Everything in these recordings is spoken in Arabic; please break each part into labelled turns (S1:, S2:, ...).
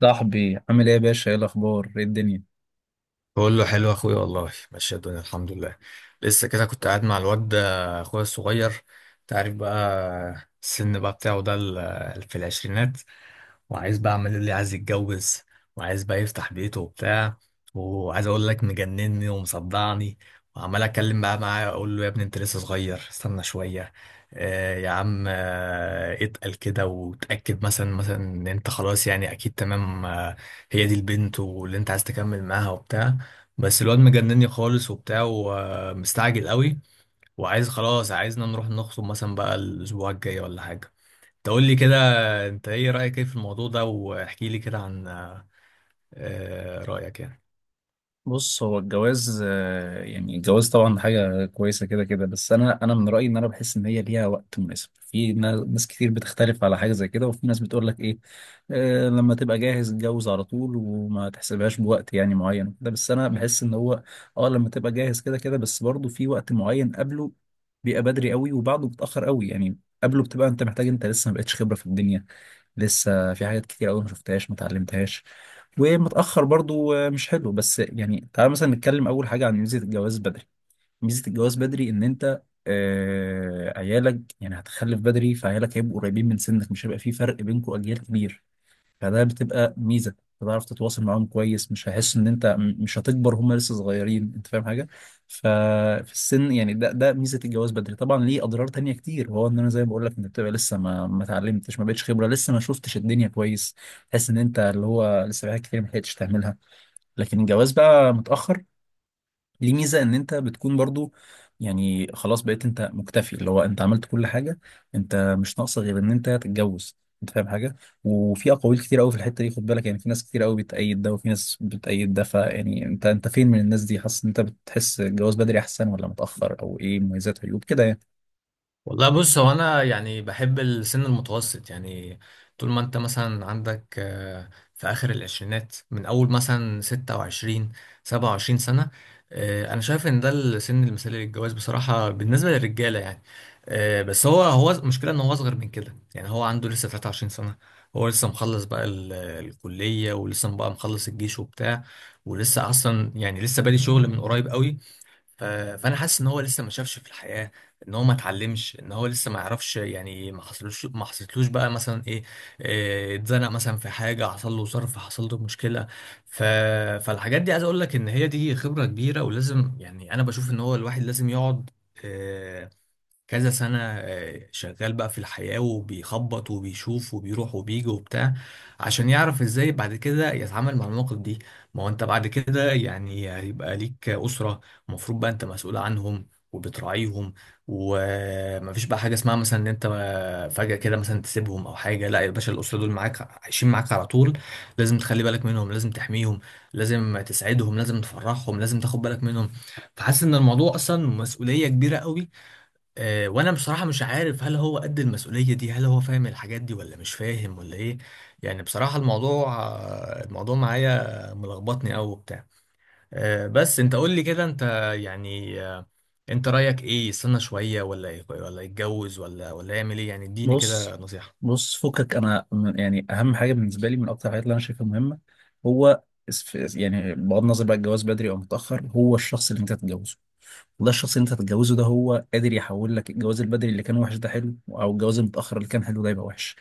S1: صاحبي عامل ايه يا باشا؟ ايه الاخبار؟ ايه الدنيا؟
S2: بقول له حلو يا اخويا، والله ماشيه الدنيا الحمد لله. لسه كده كنت قاعد مع الواد ده، اخويا الصغير. انت عارف بقى السن بقى بتاعه ده في العشرينات، وعايز بقى، عمال يقول لي عايز يتجوز وعايز بقى يفتح بيته وبتاع. وعايز اقول لك، مجنني ومصدعني. وعمال اتكلم بقى معاه، اقول له يا ابني انت لسه صغير استنى شويه. يا عم، اتقل كده وتاكد، مثلا ان انت خلاص يعني اكيد تمام، هي دي البنت واللي انت عايز تكمل معاها وبتاع. بس الواد مجنني خالص وبتاع، ومستعجل قوي. وعايز خلاص، عايزنا نروح نخطب مثلا بقى الاسبوع الجاي ولا حاجه، تقول لي كده. انت ايه رايك، ايه في الموضوع ده؟ واحكي لي كده عن رايك يعني.
S1: بص، هو الجواز يعني الجواز طبعا حاجه كويسه كده كده، بس انا من رايي ان انا بحس ان هي ليها وقت مناسب. في ناس كتير بتختلف على حاجه زي كده، وفي ناس بتقول لك ايه، آه، لما تبقى جاهز اتجوز على طول وما تحسبهاش بوقت يعني معين ده. بس انا بحس ان هو اه لما تبقى جاهز كده كده، بس برضه في وقت معين قبله بيبقى بدري قوي وبعده بتاخر قوي يعني. قبله بتبقى انت محتاج، انت لسه ما بقتش خبره في الدنيا، لسه في حاجات كتير قوي ما شفتهاش ما اتعلمتهاش. ومتاخر برضو، آه، مش حلو. بس يعني تعال مثلا نتكلم اول حاجه عن ميزه الجواز بدري. ميزه الجواز بدري ان انت آه عيالك يعني هتخلف بدري، فعيالك هيبقوا قريبين من سنك، مش هيبقى في فرق بينكم اجيال كبير، فده بتبقى ميزه. بتعرف تتواصل معاهم كويس، مش هيحس ان انت مش هتكبر، هم لسه صغيرين، انت فاهم حاجه؟ ففي السن يعني ده ميزه الجواز بدري. طبعا ليه اضرار تانية كتير، وهو ان انا زي ما بقول لك انت بتبقى لسه ما اتعلمتش، ما بقتش خبره، لسه ما شفتش الدنيا كويس. تحس ان انت اللي هو لسه في حاجات كتير ما لحقتش تعملها. لكن الجواز بقى متاخر ليه ميزة ان انت بتكون برضو يعني خلاص بقيت انت مكتفي، اللي هو انت عملت كل حاجة، انت مش ناقصة غير ان انت تتجوز، انت فاهم حاجة؟ وفي اقاويل كتير قوي في الحتة دي، خد بالك، يعني في ناس كتير قوي بتأيد ده وفي ناس بتأيد ده، فيعني انت فين من الناس دي؟ حاسس ان انت بتحس الجواز بدري احسن ولا متأخر؟ او ايه مميزات عيوب كده يعني.
S2: والله بص، هو انا يعني بحب السن المتوسط يعني، طول ما انت مثلا عندك في اخر العشرينات، من اول مثلا 26 27 سنة. انا شايف ان ده السن المثالي للجواز بصراحة، بالنسبة للرجالة يعني. بس هو المشكلة ان هو اصغر من كده، يعني هو عنده لسه 23 سنة. هو لسه مخلص بقى الكلية، ولسه بقى مخلص الجيش وبتاع، ولسه اصلا يعني لسه بادئ شغل من قريب قوي. ف- فانا حاسس ان هو لسه ما شافش في الحياه، ان هو ما اتعلمش، ان هو لسه ما يعرفش يعني، ما حصلوش، ما حصلتلوش بقى مثلا ايه، اتزنق مثلا في حاجه، حصل له ظرف، حصل له مشكله. ف... فالحاجات دي عايز اقول لك ان هي دي خبره كبيره، ولازم يعني انا بشوف ان هو الواحد لازم يقعد آه، كذا سنة شغال بقى في الحياة، وبيخبط وبيشوف وبيروح وبيجي وبتاع، عشان يعرف ازاي بعد كده يتعامل مع المواقف دي. ما هو انت بعد كده يعني هيبقى ليك أسرة، المفروض بقى انت مسؤول عنهم وبتراعيهم، ومفيش بقى حاجة اسمها مثلا ان انت فجأة كده مثلا تسيبهم او حاجة. لا يا باشا، الأسرة دول معاك، عايشين معاك على طول. لازم تخلي بالك منهم، لازم تحميهم، لازم تسعدهم، لازم تفرحهم، لازم تاخد بالك منهم. فحاسس ان الموضوع اصلا مسؤولية كبيرة قوي. وانا بصراحة مش عارف هل هو قد المسؤولية دي، هل هو فاهم الحاجات دي ولا مش فاهم ولا ايه. يعني بصراحة الموضوع، الموضوع معايا ملخبطني قوي وبتاع. بس انت قول لي كده، انت يعني انت رأيك ايه؟ يستنى شوية ولا يتجوز ولا يعمل ايه يعني؟ اديني
S1: بص،
S2: كده نصيحة.
S1: فكك، انا يعني اهم حاجه بالنسبه لي من اكتر الحاجات اللي انا شايفها مهمه هو يعني بغض النظر بقى الجواز بدري او متاخر، هو الشخص اللي انت تتجوزه. وده الشخص اللي انت هتتجوزه ده هو قادر يحول لك الجواز البدري اللي كان وحش ده حلو، او الجواز المتاخر اللي كان حلو ده يبقى وحش.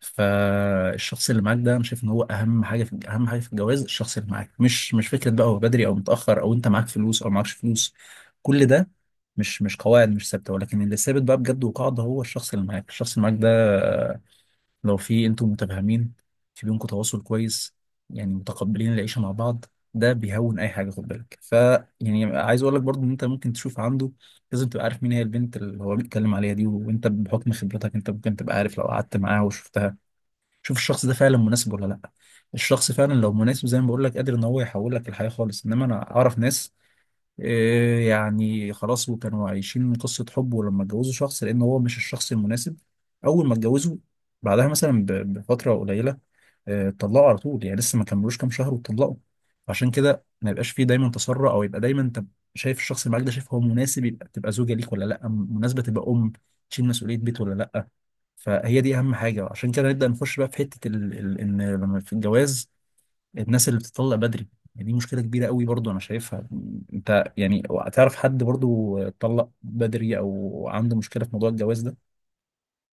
S1: فالشخص اللي معاك ده انا شايف ان هو اهم حاجه في اهم حاجه في الجواز. الشخص اللي معاك مش فكره بقى هو بدري او متاخر، او انت معاك فلوس او معكش فلوس، كل ده مش قواعد مش ثابته، ولكن اللي ثابت بقى بجد وقاعده هو الشخص اللي معاك. الشخص اللي معاك ده لو في انتم متفاهمين، في بينكم تواصل كويس، يعني متقبلين العيشه مع بعض، ده بيهون اي حاجه، خد بالك. ف يعني عايز اقول لك برضو ان انت ممكن تشوف عنده. لازم تبقى عارف مين هي البنت اللي هو بيتكلم عليها دي، وانت بحكم خبرتك انت ممكن تبقى عارف لو قعدت معاها وشفتها. شوف الشخص ده فعلا مناسب ولا لا. الشخص فعلا لو مناسب زي ما بقول لك قادر ان هو يحول لك الحياه خالص. انما انا اعرف ناس إيه يعني خلاص، وكانوا عايشين من قصة حب، ولما اتجوزوا شخص لأن هو مش الشخص المناسب، أول ما اتجوزوا بعدها مثلا بفترة قليلة، آه، اتطلقوا على طول، يعني لسه ما كملوش كام شهر واتطلقوا. عشان كده ما يبقاش فيه دايما تسرع، أو يبقى دايما أنت شايف الشخص اللي معاك ده، شايف هو مناسب يبقى تبقى زوجة ليك ولا لأ، مناسبة تبقى أم تشيل مسؤولية بيت ولا لأ. فهي دي أهم حاجة. عشان كده نبدأ نخش بقى في حتة إن لما في الجواز الناس اللي بتطلق بدري يعني، دي مشكلة كبيرة قوي برضو أنا شايفها. أنت يعني تعرف حد برضو اتطلق بدري أو عنده مشكلة في موضوع الجواز ده؟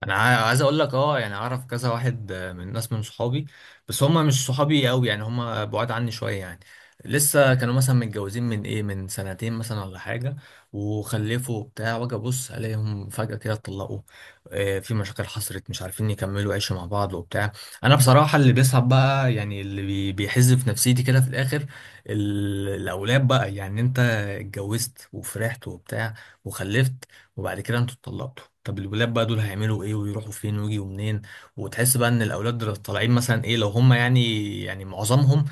S2: انا عايز اقول لك، اه يعني اعرف كذا واحد من ناس من صحابي، بس هم مش صحابي قوي يعني، هم بعاد عني شويه يعني. لسه كانوا مثلا متجوزين من ايه، من سنتين مثلا ولا حاجه، وخلفوا بتاع واجي ابص الاقيهم فجاه كده اتطلقوا. في مشاكل حصلت، مش عارفين يكملوا عيش مع بعض وبتاع. انا بصراحه اللي بيصعب بقى يعني، اللي بيحز في نفسيتي كده في الاخر، الاولاد بقى يعني. انت اتجوزت وفرحت وبتاع، وخلفت، وبعد كده انتوا اتطلقتوا. طب الولاد بقى دول هيعملوا ايه، ويروحوا فين، ويجوا منين؟ وتحس بقى ان الاولاد دول طالعين مثلا ايه، لو هم يعني، يعني معظمهم،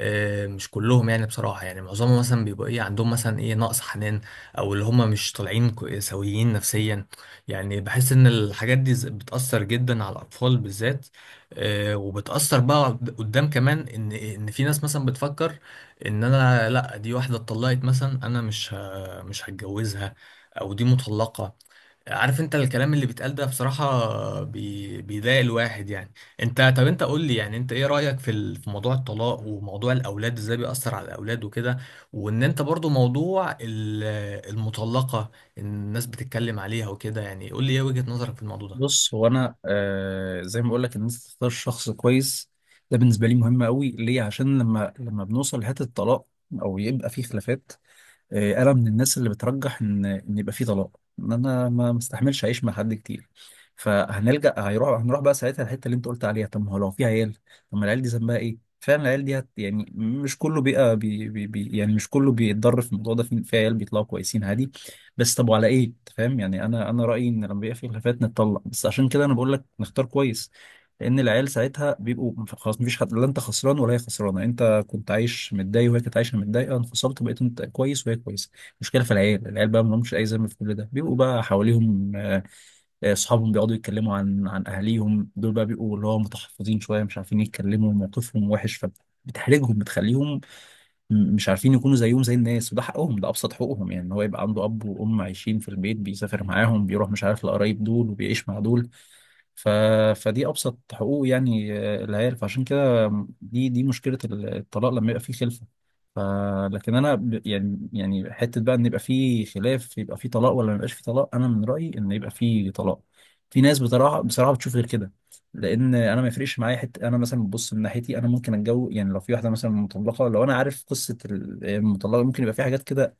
S2: مش كلهم يعني بصراحة، يعني معظمهم مثلا بيبقى ايه، عندهم مثلا ايه نقص حنان، او اللي هم مش طالعين سويين نفسيا. يعني بحس ان الحاجات دي بتأثر جدا على الاطفال بالذات. وبتأثر بقى قدام كمان، ان في ناس مثلا بتفكر ان انا لا، دي واحدة اتطلقت مثلا، انا مش هتجوزها، او دي مطلقة. عارف انت الكلام اللي بيتقال ده بصراحة بيضايق الواحد يعني. انت، طب انت قول لي يعني، انت ايه رأيك في في موضوع الطلاق، وموضوع الاولاد ازاي بيأثر على الاولاد وكده؟ وان انت برضو موضوع المطلقة، الناس بتتكلم عليها وكده يعني، قول لي ايه وجهة نظرك في الموضوع ده.
S1: بص، هو أنا آه زي ما بقول لك إن أنت تختار شخص كويس ده بالنسبة لي مهم قوي. ليه؟ عشان لما بنوصل لحتة الطلاق أو يبقى في خلافات، آه، انا من الناس اللي بترجح ان ان يبقى في طلاق، ان انا ما مستحملش اعيش مع حد كتير. فهنلجأ هيروح هنروح بقى ساعتها الحته اللي انت قلت عليها، طب ما هو لو في عيال، طب ما العيال دي ذنبها ايه؟ فعلا العيال دي هت يعني مش كله بيبقى بي يعني مش كله بيتضر في الموضوع ده، في في عيال بيطلعوا كويسين عادي. بس طب وعلى ايه انت فاهم يعني، انا رأيي ان لما بيبقى في خلافات نتطلق، بس عشان كده انا بقول لك نختار كويس، لان العيال ساعتها بيبقوا خلاص مفيش حد، لا انت خسران ولا هي خسرانه، انت كنت عايش متضايق وهي كانت عايشه متضايقه، انفصلت بقيت انت كويس وهي كويسه. المشكله في العيال، العيال بقى ما لهمش اي ذنب في كل ده، بيبقوا بقى حواليهم آه، اصحابهم بيقعدوا يتكلموا عن اهاليهم دول، بقى بيبقوا اللي هو متحفظين شويه، مش عارفين يتكلموا، موقفهم وحش، فبتحرجهم، بتخليهم مش عارفين يكونوا زيهم زي الناس. وده حقهم، ده ابسط حقوقهم يعني، ان هو يبقى عنده اب وام عايشين في البيت، بيسافر معاهم، بيروح مش عارف لقرايب دول، وبيعيش مع دول. ف... فدي ابسط حقوق يعني، آه، العيال. فعشان كده دي مشكله الطلاق لما يبقى فيه خلفه. ف... لكن انا يعني حته بقى ان يبقى فيه خلاف يبقى فيه طلاق ولا ما يبقاش فيه طلاق، انا من رايي ان يبقى فيه طلاق. في ناس بصراحه بتشوف غير كده. لان انا ما يفرقش معايا حته انا مثلا ببص من ناحيتي، انا ممكن اتجوز يعني لو في واحده مثلا مطلقه. لو انا عارف قصه المطلقه ممكن يبقى في حاجات كده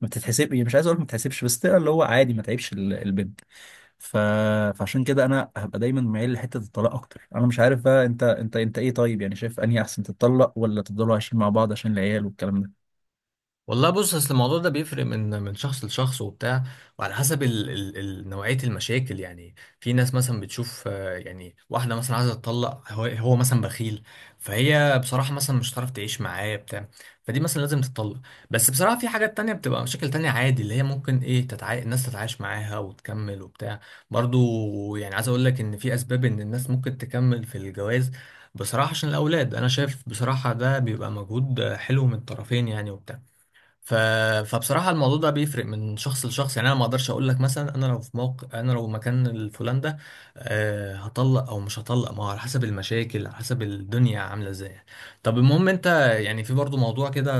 S1: ما بتتحسب، مش عايز اقول ما بتتحسبش بس تقرا اللي هو عادي، ما تعيبش البنت. ف... فعشان كده انا هبقى دايما مايل لحته الطلاق اكتر. انا مش عارف بقى انت، انت ايه؟ طيب يعني شايف انهي احسن، تتطلق ولا تفضلوا عايشين مع بعض عشان العيال والكلام ده؟
S2: والله بص، اصل الموضوع ده بيفرق من من شخص لشخص وبتاع، وعلى حسب ال نوعية المشاكل. يعني في ناس مثلا بتشوف يعني واحدة مثلا عايزة تطلق، هو مثلا بخيل، فهي بصراحة مثلا مش هتعرف تعيش معاه بتاع فدي مثلا لازم تطلق. بس بصراحة في حاجات تانية، بتبقى مشاكل تانية عادي، اللي هي ممكن ايه الناس تتعايش معاها وتكمل وبتاع. برضو يعني عايز اقول لك ان في اسباب ان الناس ممكن تكمل في الجواز بصراحة، عشان الأولاد. أنا شايف بصراحة ده بيبقى مجهود حلو من الطرفين يعني وبتاع. ف... فبصراحة الموضوع ده بيفرق من شخص لشخص يعني، أنا ما أقدرش أقول لك مثلا أنا لو في موقع، أنا لو مكان الفلان ده أه هطلق أو مش هطلق. ما هو على حسب المشاكل، على حسب الدنيا عاملة إزاي. طب المهم، أنت يعني في برضو موضوع كده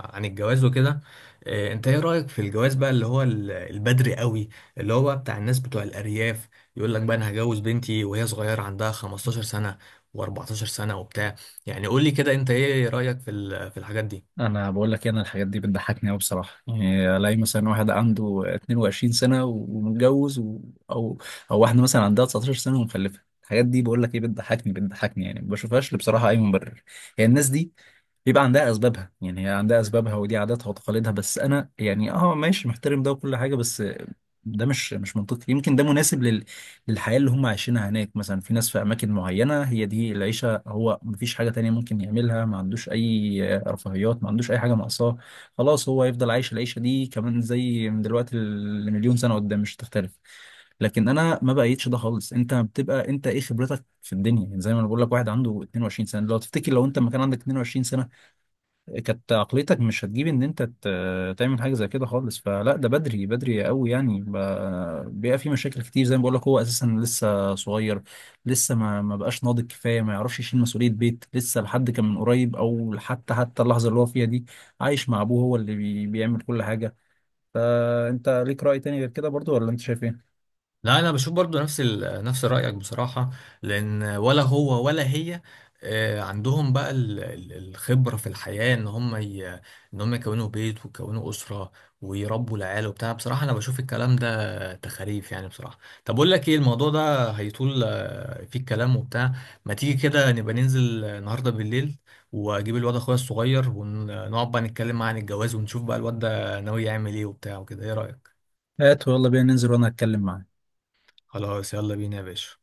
S2: عن الجواز وكده. أه أنت إيه رأيك في الجواز بقى اللي هو البدري قوي، اللي هو بقى بتاع الناس بتوع الأرياف، يقول لك بقى أنا هجوز بنتي وهي صغيرة، عندها 15 سنة و14 سنة وبتاع؟ يعني قول لي كده، أنت إيه رأيك في في الحاجات دي؟
S1: انا بقول لك إيه، انا الحاجات دي بتضحكني قوي بصراحه. يعني الاقي مثلا واحد عنده 22 سنه ومتجوز او او واحده مثلا عندها 19 سنه ومخلفه، الحاجات دي بقول لك ايه، بتضحكني يعني، ما بشوفهاش بصراحه اي مبرر. هي الناس دي بيبقى عندها اسبابها، يعني هي عندها اسبابها ودي عاداتها وتقاليدها. بس انا يعني اه ماشي، محترم ده وكل حاجه، بس ده مش منطقي. يمكن ده مناسب للحياة اللي هم عايشينها هناك، مثلا في ناس في أماكن معينة هي دي العيشة، هو مفيش حاجة تانية ممكن يعملها، ما عندوش أي رفاهيات، ما عندوش أي حاجة ناقصاه، خلاص هو يفضل عايش العيشة دي كمان زي من دلوقتي لمليون سنة قدام مش هتختلف. لكن انا ما بقيتش ده خالص. انت بتبقى انت ايه خبرتك في الدنيا؟ يعني زي ما انا بقول لك واحد عنده 22 سنه، لو تفتكر لو انت ما كان عندك 22 سنه كانت عقليتك مش هتجيب ان انت تعمل حاجه زي كده خالص. فلا ده بدري، بدري قوي يعني. بيبقى في مشاكل كتير زي ما بقول لك، هو اساسا لسه صغير، لسه ما بقاش ناضج كفايه، ما يعرفش يشيل مسؤوليه بيت، لسه لحد كان من قريب او حتى اللحظه اللي هو فيها دي عايش مع ابوه، هو اللي بيعمل كل حاجه. فانت ليك راي تاني غير كده برضو ولا انت شايف ايه؟
S2: لا انا بشوف برضو نفس نفس رايك بصراحه، لان ولا هو ولا هي عندهم بقى الخبره في الحياه ان هم ان هم يكونوا بيت، ويكونوا اسره، ويربوا العيال وبتاع. بصراحه انا بشوف الكلام ده تخاريف يعني بصراحه. طب اقول لك ايه، الموضوع ده هيطول فيه الكلام وبتاع. ما تيجي كده نبقى ننزل النهارده بالليل، واجيب الواد اخويا الصغير، ونقعد بقى نتكلم معاه عن الجواز، ونشوف بقى الواد ده ناوي يعمل ايه وبتاع وكده، ايه رايك؟
S1: هات ويلا بينا ننزل وانا هتكلم معاه.
S2: خلاص يلا بينا يا باشا.